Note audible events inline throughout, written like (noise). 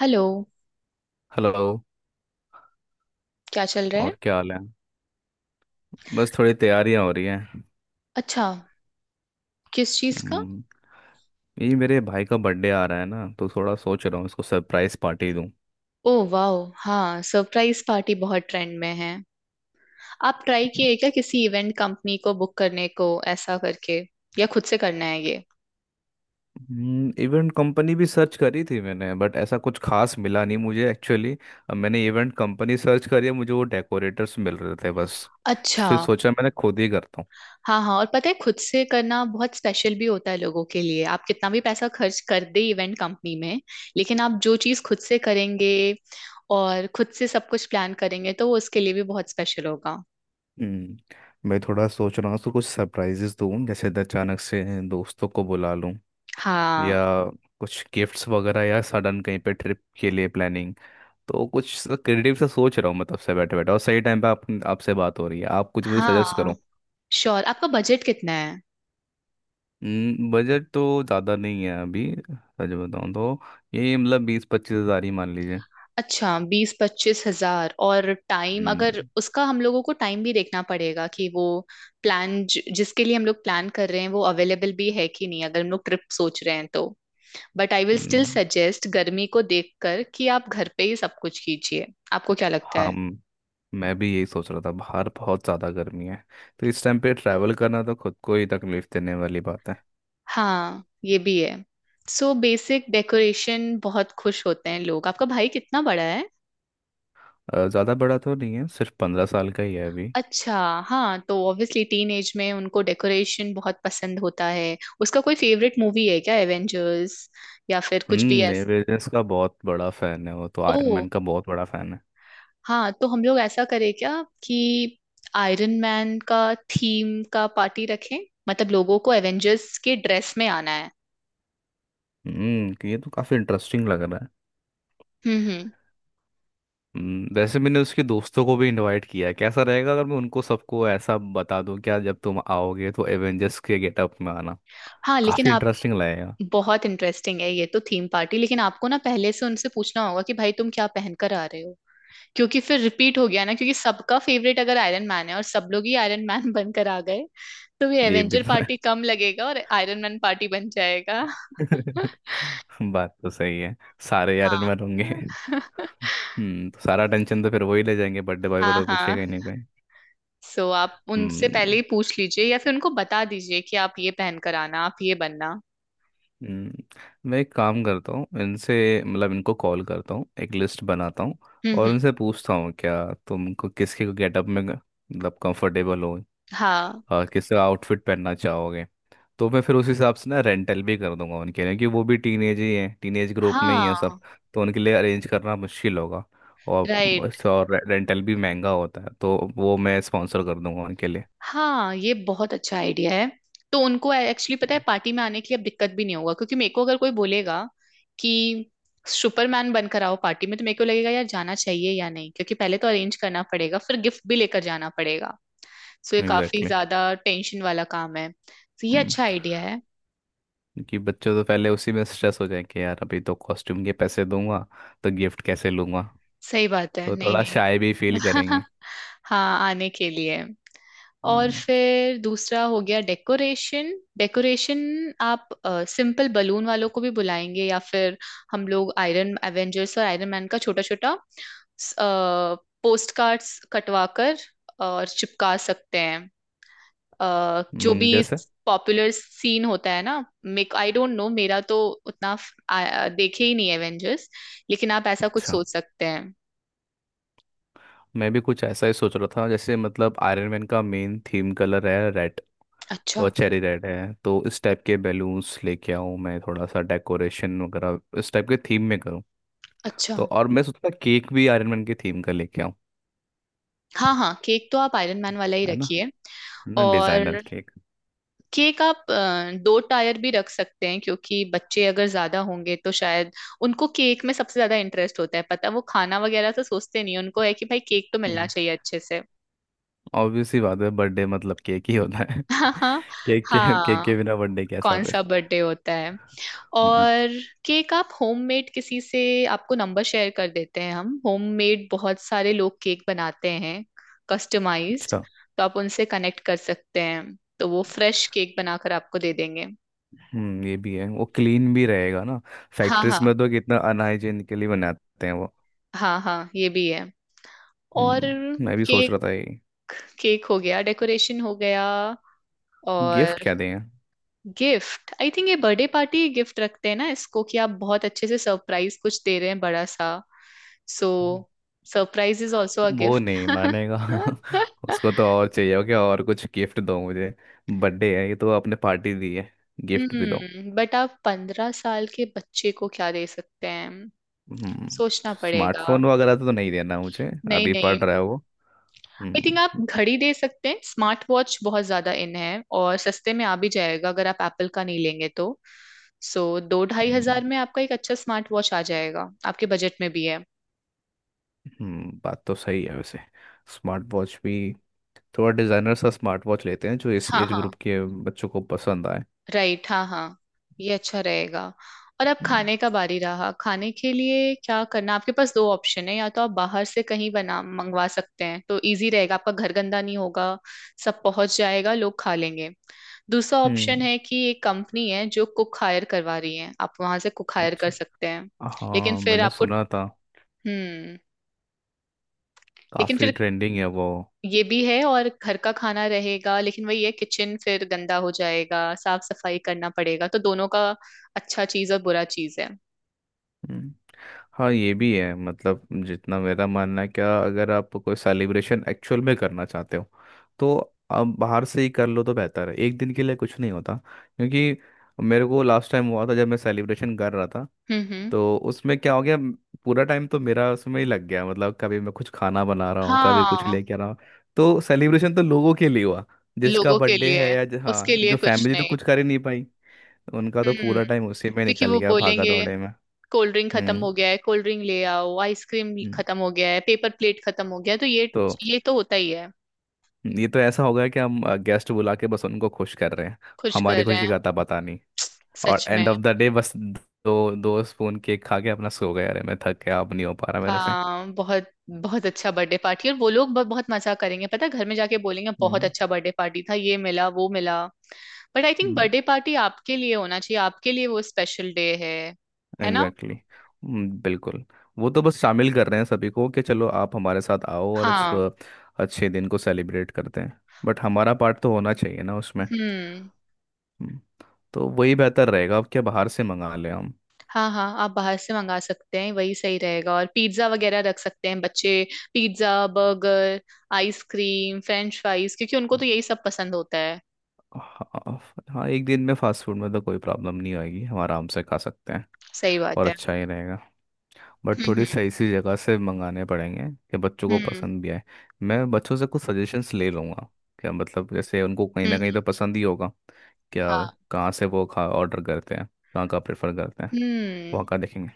Hello. Hello. क्या चल रहा है? और क्या हाल है? बस थोड़ी तैयारियां हो रही हैं। अच्छा। किस चीज का? हम्म, ये मेरे भाई का बर्थडे आ रहा है ना तो थोड़ा सोच रहा हूँ इसको सरप्राइज पार्टी दूँ। ओ वाह! हाँ, सरप्राइज पार्टी बहुत ट्रेंड में है। आप ट्राई किए क्या किसी इवेंट कंपनी को बुक करने को, ऐसा करके, या खुद से करना है ये? इवेंट कंपनी भी सर्च करी थी मैंने बट ऐसा कुछ खास मिला नहीं मुझे एक्चुअली। अब मैंने इवेंट कंपनी सर्च करी है, मुझे वो डेकोरेटर्स मिल रहे थे बस। तो अच्छा। फिर सोचा मैंने खुद ही करता हूँ। हाँ हाँ, और पता है खुद से करना बहुत स्पेशल भी होता है लोगों के लिए। आप कितना भी पैसा खर्च कर दे इवेंट कंपनी में, लेकिन आप जो चीज खुद से करेंगे और खुद से सब कुछ प्लान करेंगे तो वो उसके लिए भी बहुत स्पेशल होगा। हम्म, मैं थोड़ा सोच रहा हूँ तो कुछ सरप्राइजेस दूँ, जैसे अचानक से दोस्तों को बुला लूँ। या हाँ। कुछ गिफ्ट्स वगैरह, या सडन कहीं पे ट्रिप के लिए प्लानिंग। तो कुछ क्रिएटिव सा सोच रहा हूँ मैं तब से बैठे बैठे। और सही टाइम पे आप आपसे बात हो रही है, आप कुछ मुझे सजेस्ट हाँ, करो। श्योर। आपका बजट कितना है? बजट तो ज़्यादा नहीं है अभी, सच बताऊँ तो। ये मतलब 20-25 हज़ार ही मान लीजिए। अच्छा, 20-25 हजार। और टाइम अगर हम्म। उसका, हम लोगों को टाइम भी देखना पड़ेगा कि वो प्लान जिसके लिए हम लोग प्लान कर रहे हैं वो अवेलेबल भी है कि नहीं, अगर हम लोग ट्रिप सोच रहे हैं तो। But I will still hmm. Suggest, गर्मी को देखकर, कि आप घर पे ही सब कुछ कीजिए। आपको क्या लगता है? हम मैं भी यही सोच रहा था, बाहर बहुत ज़्यादा गर्मी है। तो इस टाइम पे ट्रैवल करना तो खुद को ही तकलीफ देने वाली बात है। हाँ, ये भी है। सो बेसिक डेकोरेशन बहुत खुश होते हैं लोग। आपका भाई कितना बड़ा? ज़्यादा बड़ा तो नहीं है, सिर्फ 15 साल का ही है अभी। अच्छा। हाँ, तो ऑब्वियसली टीनेज में उनको डेकोरेशन बहुत पसंद होता है। उसका कोई फेवरेट मूवी है क्या, एवेंजर्स या फिर कुछ भी ऐसा? एवेजेस का बहुत बड़ा फ़ैन है वो, तो आयरन ओह। मैन का बहुत बड़ा फ़ैन है। हाँ, तो हम लोग ऐसा करें क्या कि आयरन मैन का थीम का पार्टी रखें? मतलब लोगों को एवेंजर्स के ड्रेस में आना है। कि ये तो काफ़ी इंटरेस्टिंग लग रहा है। हम्म। वैसे मैंने उसके दोस्तों को भी इनवाइट किया है, कैसा रहेगा अगर मैं उनको सबको ऐसा बता दूं, क्या जब तुम आओगे तो एवेंजर्स के गेटअप में आना। हाँ लेकिन काफी आप, इंटरेस्टिंग लगेगा। बहुत इंटरेस्टिंग है ये तो, थीम पार्टी। लेकिन आपको ना पहले से उनसे पूछना होगा कि भाई तुम क्या पहनकर आ रहे हो, क्योंकि फिर रिपीट हो गया ना। क्योंकि सबका फेवरेट अगर आयरन मैन है और सब लोग ही आयरन मैन (laughs) बनकर आ गए तो भी ये भी एवेंजर तो पार्टी है। कम लगेगा और आयरन मैन पार्टी बन जाएगा। (laughs) बात तो सही है। सारे आयरन हाँ मैन होंगे। (laughs) तो सारा टेंशन तो फिर वही ले जाएंगे, बर्थडे बॉय को हाँ तो पूछेगा हाँ। ही नहीं कोई। सो आप उनसे पहले हम्म। ही पूछ लीजिए या फिर उनको बता दीजिए कि आप ये पहन कर आना, आप ये बनना। हम्म, मैं एक काम करता हूँ इनसे, मतलब इनको कॉल करता हूँ, एक लिस्ट बनाता हूँ। और हम्म। उनसे पूछता हूँ क्या तुमको किसके गेटअप में मतलब कंफर्टेबल हो, हाँ और किस आउटफिट पहनना चाहोगे। तो मैं फिर उस हिसाब से ना रेंटल भी कर दूंगा उनके लिए, क्योंकि वो भी टीनेज ही हैं, टीनेज ग्रुप में ही हैं सब। हाँ। तो उनके लिए अरेंज करना मुश्किल होगा। और राइट। बस, और रेंटल भी महंगा होता है तो वो मैं स्पॉन्सर कर दूंगा उनके लिए। हाँ, ये बहुत अच्छा आइडिया है। तो उनको एक्चुअली पता है, पार्टी में आने के लिए अब दिक्कत भी नहीं होगा। क्योंकि मेरे को अगर कोई बोलेगा कि सुपरमैन बनकर आओ पार्टी में, तो मेरे को लगेगा यार जाना चाहिए या नहीं, क्योंकि पहले तो अरेंज करना पड़ेगा फिर गिफ्ट भी लेकर जाना पड़ेगा। सो ये काफी एग्जैक्टली। ज्यादा टेंशन वाला काम है, तो ये हम्म अच्छा आइडिया है। क्योंकि बच्चे तो पहले उसी में स्ट्रेस हो जाए कि यार अभी तो कॉस्ट्यूम के पैसे दूंगा तो गिफ्ट कैसे लूंगा। सही बात है, तो नहीं थोड़ा नहीं। शाय भी फील करेंगे। (laughs) हाँ, आने के लिए। और हम्म। फिर दूसरा हो गया, डेकोरेशन। डेकोरेशन, आप सिंपल बलून वालों को भी बुलाएंगे, या फिर हम लोग आयरन एवेंजर्स और आयरन मैन का छोटा छोटा पोस्ट कार्ड्स कटवा कर और चिपका सकते हैं? जो भी जैसे, पॉपुलर सीन होता है ना। मेक, आई डोंट नो, मेरा तो उतना फ- आ, आ, देखे ही नहीं एवेंजर्स। लेकिन आप ऐसा कुछ अच्छा, सोच सकते हैं। मैं भी कुछ ऐसा ही सोच रहा था, जैसे मतलब आयरन मैन का मेन थीम कलर है रेड। अच्छा। और चेरी रेड है तो इस टाइप के बैलून्स लेके आऊँ मैं, थोड़ा सा डेकोरेशन वगैरह इस टाइप के थीम में करूँ। अच्छा। तो और मैं सोचता केक भी आयरन मैन के थीम का लेके आऊँ। हाँ हाँ, केक तो आप आयरन मैन वाला ही है ना? रखिए। है ना और डिजाइनर केक? केक आप दो टायर भी रख सकते हैं, क्योंकि बच्चे अगर ज्यादा होंगे तो शायद उनको केक में सबसे ज्यादा इंटरेस्ट होता है, पता है, वो खाना वगैरह तो सोचते नहीं हैं। उनको है कि भाई केक तो मिलना चाहिए अच्छे से। ऑब्वियस ही बात है, बर्थडे मतलब केक ही होना है। (laughs) (laughs) हाँ हाँ केक के केक हाँ। के बिना बर्थडे कैसा कौन फिर? सा बर्थडे होता है? हम्म, और केक आप होममेड किसी से, आपको नंबर शेयर कर देते हैं हम, होममेड बहुत सारे लोग केक बनाते हैं, कस्टमाइज्ड। अच्छा। तो आप उनसे कनेक्ट कर सकते हैं, तो वो फ्रेश केक बनाकर आपको दे देंगे। ये भी है, वो क्लीन भी रहेगा ना? हाँ फैक्ट्रीज हाँ। में तो कितना अनहाइजीनिकली बनाते हैं वो। हाँ हाँ, ये भी है। और मैं भी सोच केक, रहा था ये। केक हो गया, डेकोरेशन हो गया। और गिफ्ट क्या दें? गिफ्ट, आई थिंक ये बर्थडे पार्टी गिफ्ट रखते हैं ना इसको, कि आप बहुत अच्छे से सरप्राइज कुछ दे रहे हैं बड़ा सा। So surprise is also a वो गिफ्ट। नहीं मानेगा। (laughs) उसको (laughs) तो और चाहिए होगा कि और कुछ गिफ्ट दो मुझे, बर्थडे है ये, तो आपने पार्टी दी है, गिफ्ट भी दो। हम्म, बट आप 15 साल के बच्चे को क्या दे सकते हैं? हम्म, सोचना पड़ेगा। स्मार्टफोन वगैरह तो नहीं देना मुझे, नहीं अभी नहीं। पढ़ रहा है वो। आई थिंक आप हम्म। घड़ी दे सकते हैं, स्मार्ट वॉच बहुत ज्यादा इन है। और सस्ते में आ भी जाएगा अगर आप एप्पल का नहीं लेंगे तो। सो दो ढाई हम्म, हजार में आपका एक अच्छा स्मार्ट वॉच आ जाएगा, आपके बजट में भी है। बात तो सही है वैसे। स्मार्ट वॉच भी, थोड़ा डिजाइनर सा स्मार्ट वॉच लेते हैं जो इस हाँ एज हाँ। ग्रुप के बच्चों को पसंद आए। राइट। हाँ हाँ, ये अच्छा रहेगा। और अब हम्म। खाने का बारी रहा। खाने के लिए क्या करना, आपके पास दो ऑप्शन है। या तो आप बाहर से कहीं बना मंगवा सकते हैं, तो इजी रहेगा, आपका घर गंदा नहीं होगा, सब पहुंच जाएगा, लोग खा लेंगे। दूसरा ऑप्शन हम्म, है कि एक कंपनी है जो कुक हायर करवा रही है, आप वहां से कुक हायर कर अच्छा। सकते हैं। लेकिन हाँ, फिर मैंने आपको, सुना था, हम्म, लेकिन काफी फिर ट्रेंडिंग है वो। ये भी है, और घर का खाना रहेगा, लेकिन वही है किचन फिर गंदा हो जाएगा, साफ सफाई करना पड़ेगा। तो दोनों का अच्छा चीज और बुरा चीज है। हम्म, हाँ ये भी है, मतलब जितना मेरा मानना है क्या, अगर आप कोई सेलिब्रेशन एक्चुअल में करना चाहते हो तो आप बाहर से ही कर लो तो बेहतर है, एक दिन के लिए कुछ नहीं होता, क्योंकि मेरे को लास्ट टाइम हुआ था जब मैं सेलिब्रेशन कर रहा था। हम्म। तो उसमें क्या हो गया, पूरा टाइम तो मेरा उसमें ही लग गया, मतलब कभी मैं कुछ खाना बना रहा हूँ, कभी कुछ हाँ, लेके आ रहा हूँ। तो सेलिब्रेशन तो लोगों के लिए हुआ, जिसका लोगों के बर्थडे है लिए, या उसके हाँ, लिए जो कुछ फैमिली तो नहीं। कुछ कर ही नहीं पाई। उनका तो हम्म, पूरा टाइम उसी में क्योंकि निकल वो गया, भागा बोलेंगे दौड़े में। कोल्ड ड्रिंक खत्म हम्म हो गया है, कोल्ड ड्रिंक ले आओ, आइसक्रीम खत्म हो गया है, पेपर प्लेट खत्म हो गया है, तो ये तो ये तो होता ही है। ये तो ऐसा होगा कि हम गेस्ट बुला के बस उनको खुश कर रहे हैं, खुश कर हमारी रहे खुशी हैं। का था पता नहीं। और सच में। एंड ऑफ द डे बस दो दो स्पून केक खा के अपना सो गए, अरे मैं थक गया अब नहीं हो पा रहा मेरे से। हाँ, बहुत बहुत अच्छा बर्थडे पार्टी, और वो लोग ब- बहुत मजा करेंगे, पता है, घर में जाके बोलेंगे बहुत हम्म। अच्छा बर्थडे पार्टी था, ये मिला वो मिला। But I think hmm. Birthday party आपके लिए होना चाहिए, आपके लिए वो स्पेशल डे है। है ना? एग्जैक्टली। बिल्कुल। वो तो बस शामिल कर रहे हैं सभी को कि चलो आप हमारे साथ आओ, और हाँ। इसको अच्छे दिन को सेलिब्रेट करते हैं, बट हमारा पार्ट तो होना चाहिए ना उसमें। हम्म। हम्म, तो वही बेहतर रहेगा, अब क्या बाहर से मंगा लें हम? हाँ हाँ, आप बाहर से मंगा सकते हैं, वही सही रहेगा। और पिज्जा वगैरह रख सकते हैं बच्चे, pizza, burger, ice cream, french fries, क्योंकि उनको तो यही सब पसंद होता है। हाँ। हाँ, एक दिन में फास्ट फूड में तो कोई प्रॉब्लम नहीं आएगी, हम आराम से खा सकते हैं। सही बात और है। अच्छा ही रहेगा, बट थोड़ी हम्म। सही सी जगह से मंगाने पड़ेंगे कि बच्चों को हम्म पसंद भी आए। मैं बच्चों से कुछ सजेशंस ले लूँगा, क्या मतलब जैसे उनको कहीं ना कहीं हम्म, तो पसंद ही होगा। क्या हाँ। कहाँ से वो खा ऑर्डर करते हैं, कहाँ का प्रेफर करते हैं, हम्म, वहाँ का देखेंगे।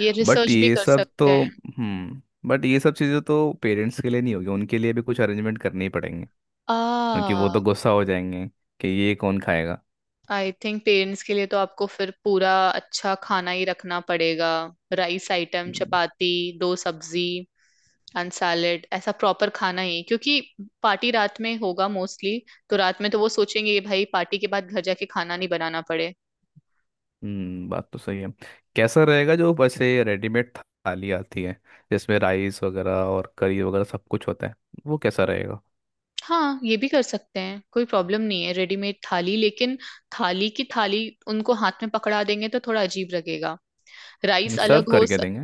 ये बट रिसर्च भी ये कर सब सकते तो हैं। बट ये सब चीज़ें तो पेरेंट्स के लिए नहीं होगी, उनके लिए भी कुछ अरेंजमेंट करने ही पड़ेंगे, क्योंकि आ वो तो गुस्सा हो जाएंगे कि ये कौन खाएगा। आई थिंक पेरेंट्स के लिए तो आपको फिर पूरा अच्छा खाना ही रखना पड़ेगा। राइस आइटम, चपाती, दो सब्जी एंड सैलेड, ऐसा प्रॉपर खाना ही, क्योंकि पार्टी रात में होगा मोस्टली। तो रात में तो वो सोचेंगे कि भाई पार्टी के बाद घर जाके खाना नहीं बनाना पड़े। बात तो सही है। कैसा रहेगा, जो वैसे रेडीमेड थाली आती है, जिसमें राइस वगैरह और करी वगैरह सब कुछ होता है, वो कैसा रहेगा? हाँ, ये भी कर सकते हैं, कोई प्रॉब्लम नहीं है रेडीमेड थाली, लेकिन थाली की थाली उनको हाथ में पकड़ा देंगे तो थोड़ा अजीब लगेगा। राइस नहीं, सर्व अलग हो। करके देंगे।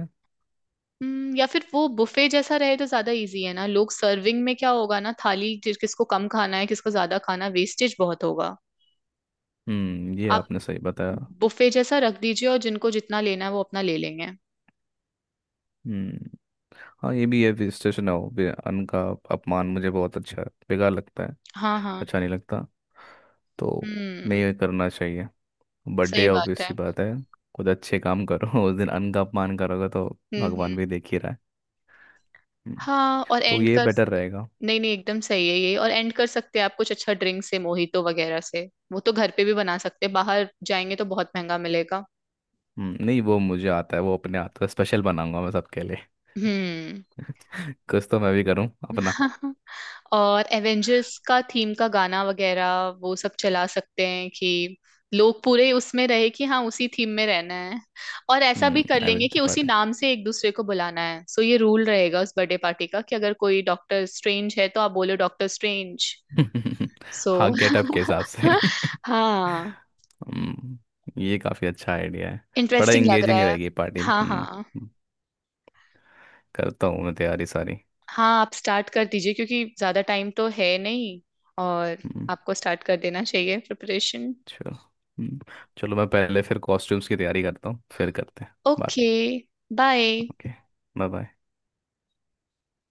या फिर वो बुफे जैसा रहे तो ज्यादा इजी है ना। लोग सर्विंग में क्या होगा ना, थाली, जिस किसको कम खाना है किसको ज्यादा खाना, वेस्टेज बहुत होगा। ये आप आपने सही बताया। बुफे जैसा रख दीजिए, और जिनको जितना लेना है वो अपना ले लेंगे। हम्म हाँ ये भी है, विस्टेशन हो, अन्न का अपमान मुझे बहुत बेकार लगता है, हाँ हाँ। अच्छा नहीं लगता, तो हम्म। नहीं करना चाहिए। बर्थडे, सही ऑब्वियस बात है। सी बात है, खुद अच्छे काम करो। (laughs) उस दिन अन्न का अपमान करोगे तो हम्म। भगवान भी देख ही रहा है। हम्म, हाँ, और तो एंड ये कर, बेटर रहेगा। नहीं नहीं, एकदम सही है ये, और एंड कर सकते हैं आप कुछ अच्छा ड्रिंक से, मोहितो वगैरह से, वो तो घर पे भी बना सकते हैं, बाहर जाएंगे तो बहुत महंगा मिलेगा। नहीं वो मुझे आता है, वो अपने आता है, स्पेशल बनाऊंगा मैं सबके लिए। हम्म। (laughs) कुछ तो मैं भी करूँ अपना। (laughs) और एवेंजर्स का थीम का गाना वगैरह वो सब चला सकते हैं, कि लोग पूरे उसमें रहे कि हाँ उसी थीम में रहना है। और ऐसा भी कर आई लेंगे विल कि उसी पार्टी। नाम से एक दूसरे को बुलाना है। सो ये रूल रहेगा उस बर्थडे पार्टी का, कि अगर कोई डॉक्टर स्ट्रेंज है तो आप बोलो डॉक्टर स्ट्रेंज। (laughs) सो हाँ, गेटअप के (laughs) हिसाब से। (laughs) हाँ, हम्म, ये काफ़ी अच्छा आइडिया है। थोड़ा इंटरेस्टिंग लग रहा एंगेजिंग है। रहेगी पार्टी। हाँ हम्म। हाँ। करता हूँ मैं तैयारी सारी। हाँ, आप स्टार्ट कर दीजिए, क्योंकि ज्यादा टाइम तो है नहीं। और हम्म, आपको स्टार्ट कर देना चाहिए प्रिपरेशन। चलो। हम्म, चलो मैं पहले फिर कॉस्ट्यूम्स की तैयारी करता हूँ, फिर करते हैं बात। Okay, bye. Okay. Bye bye.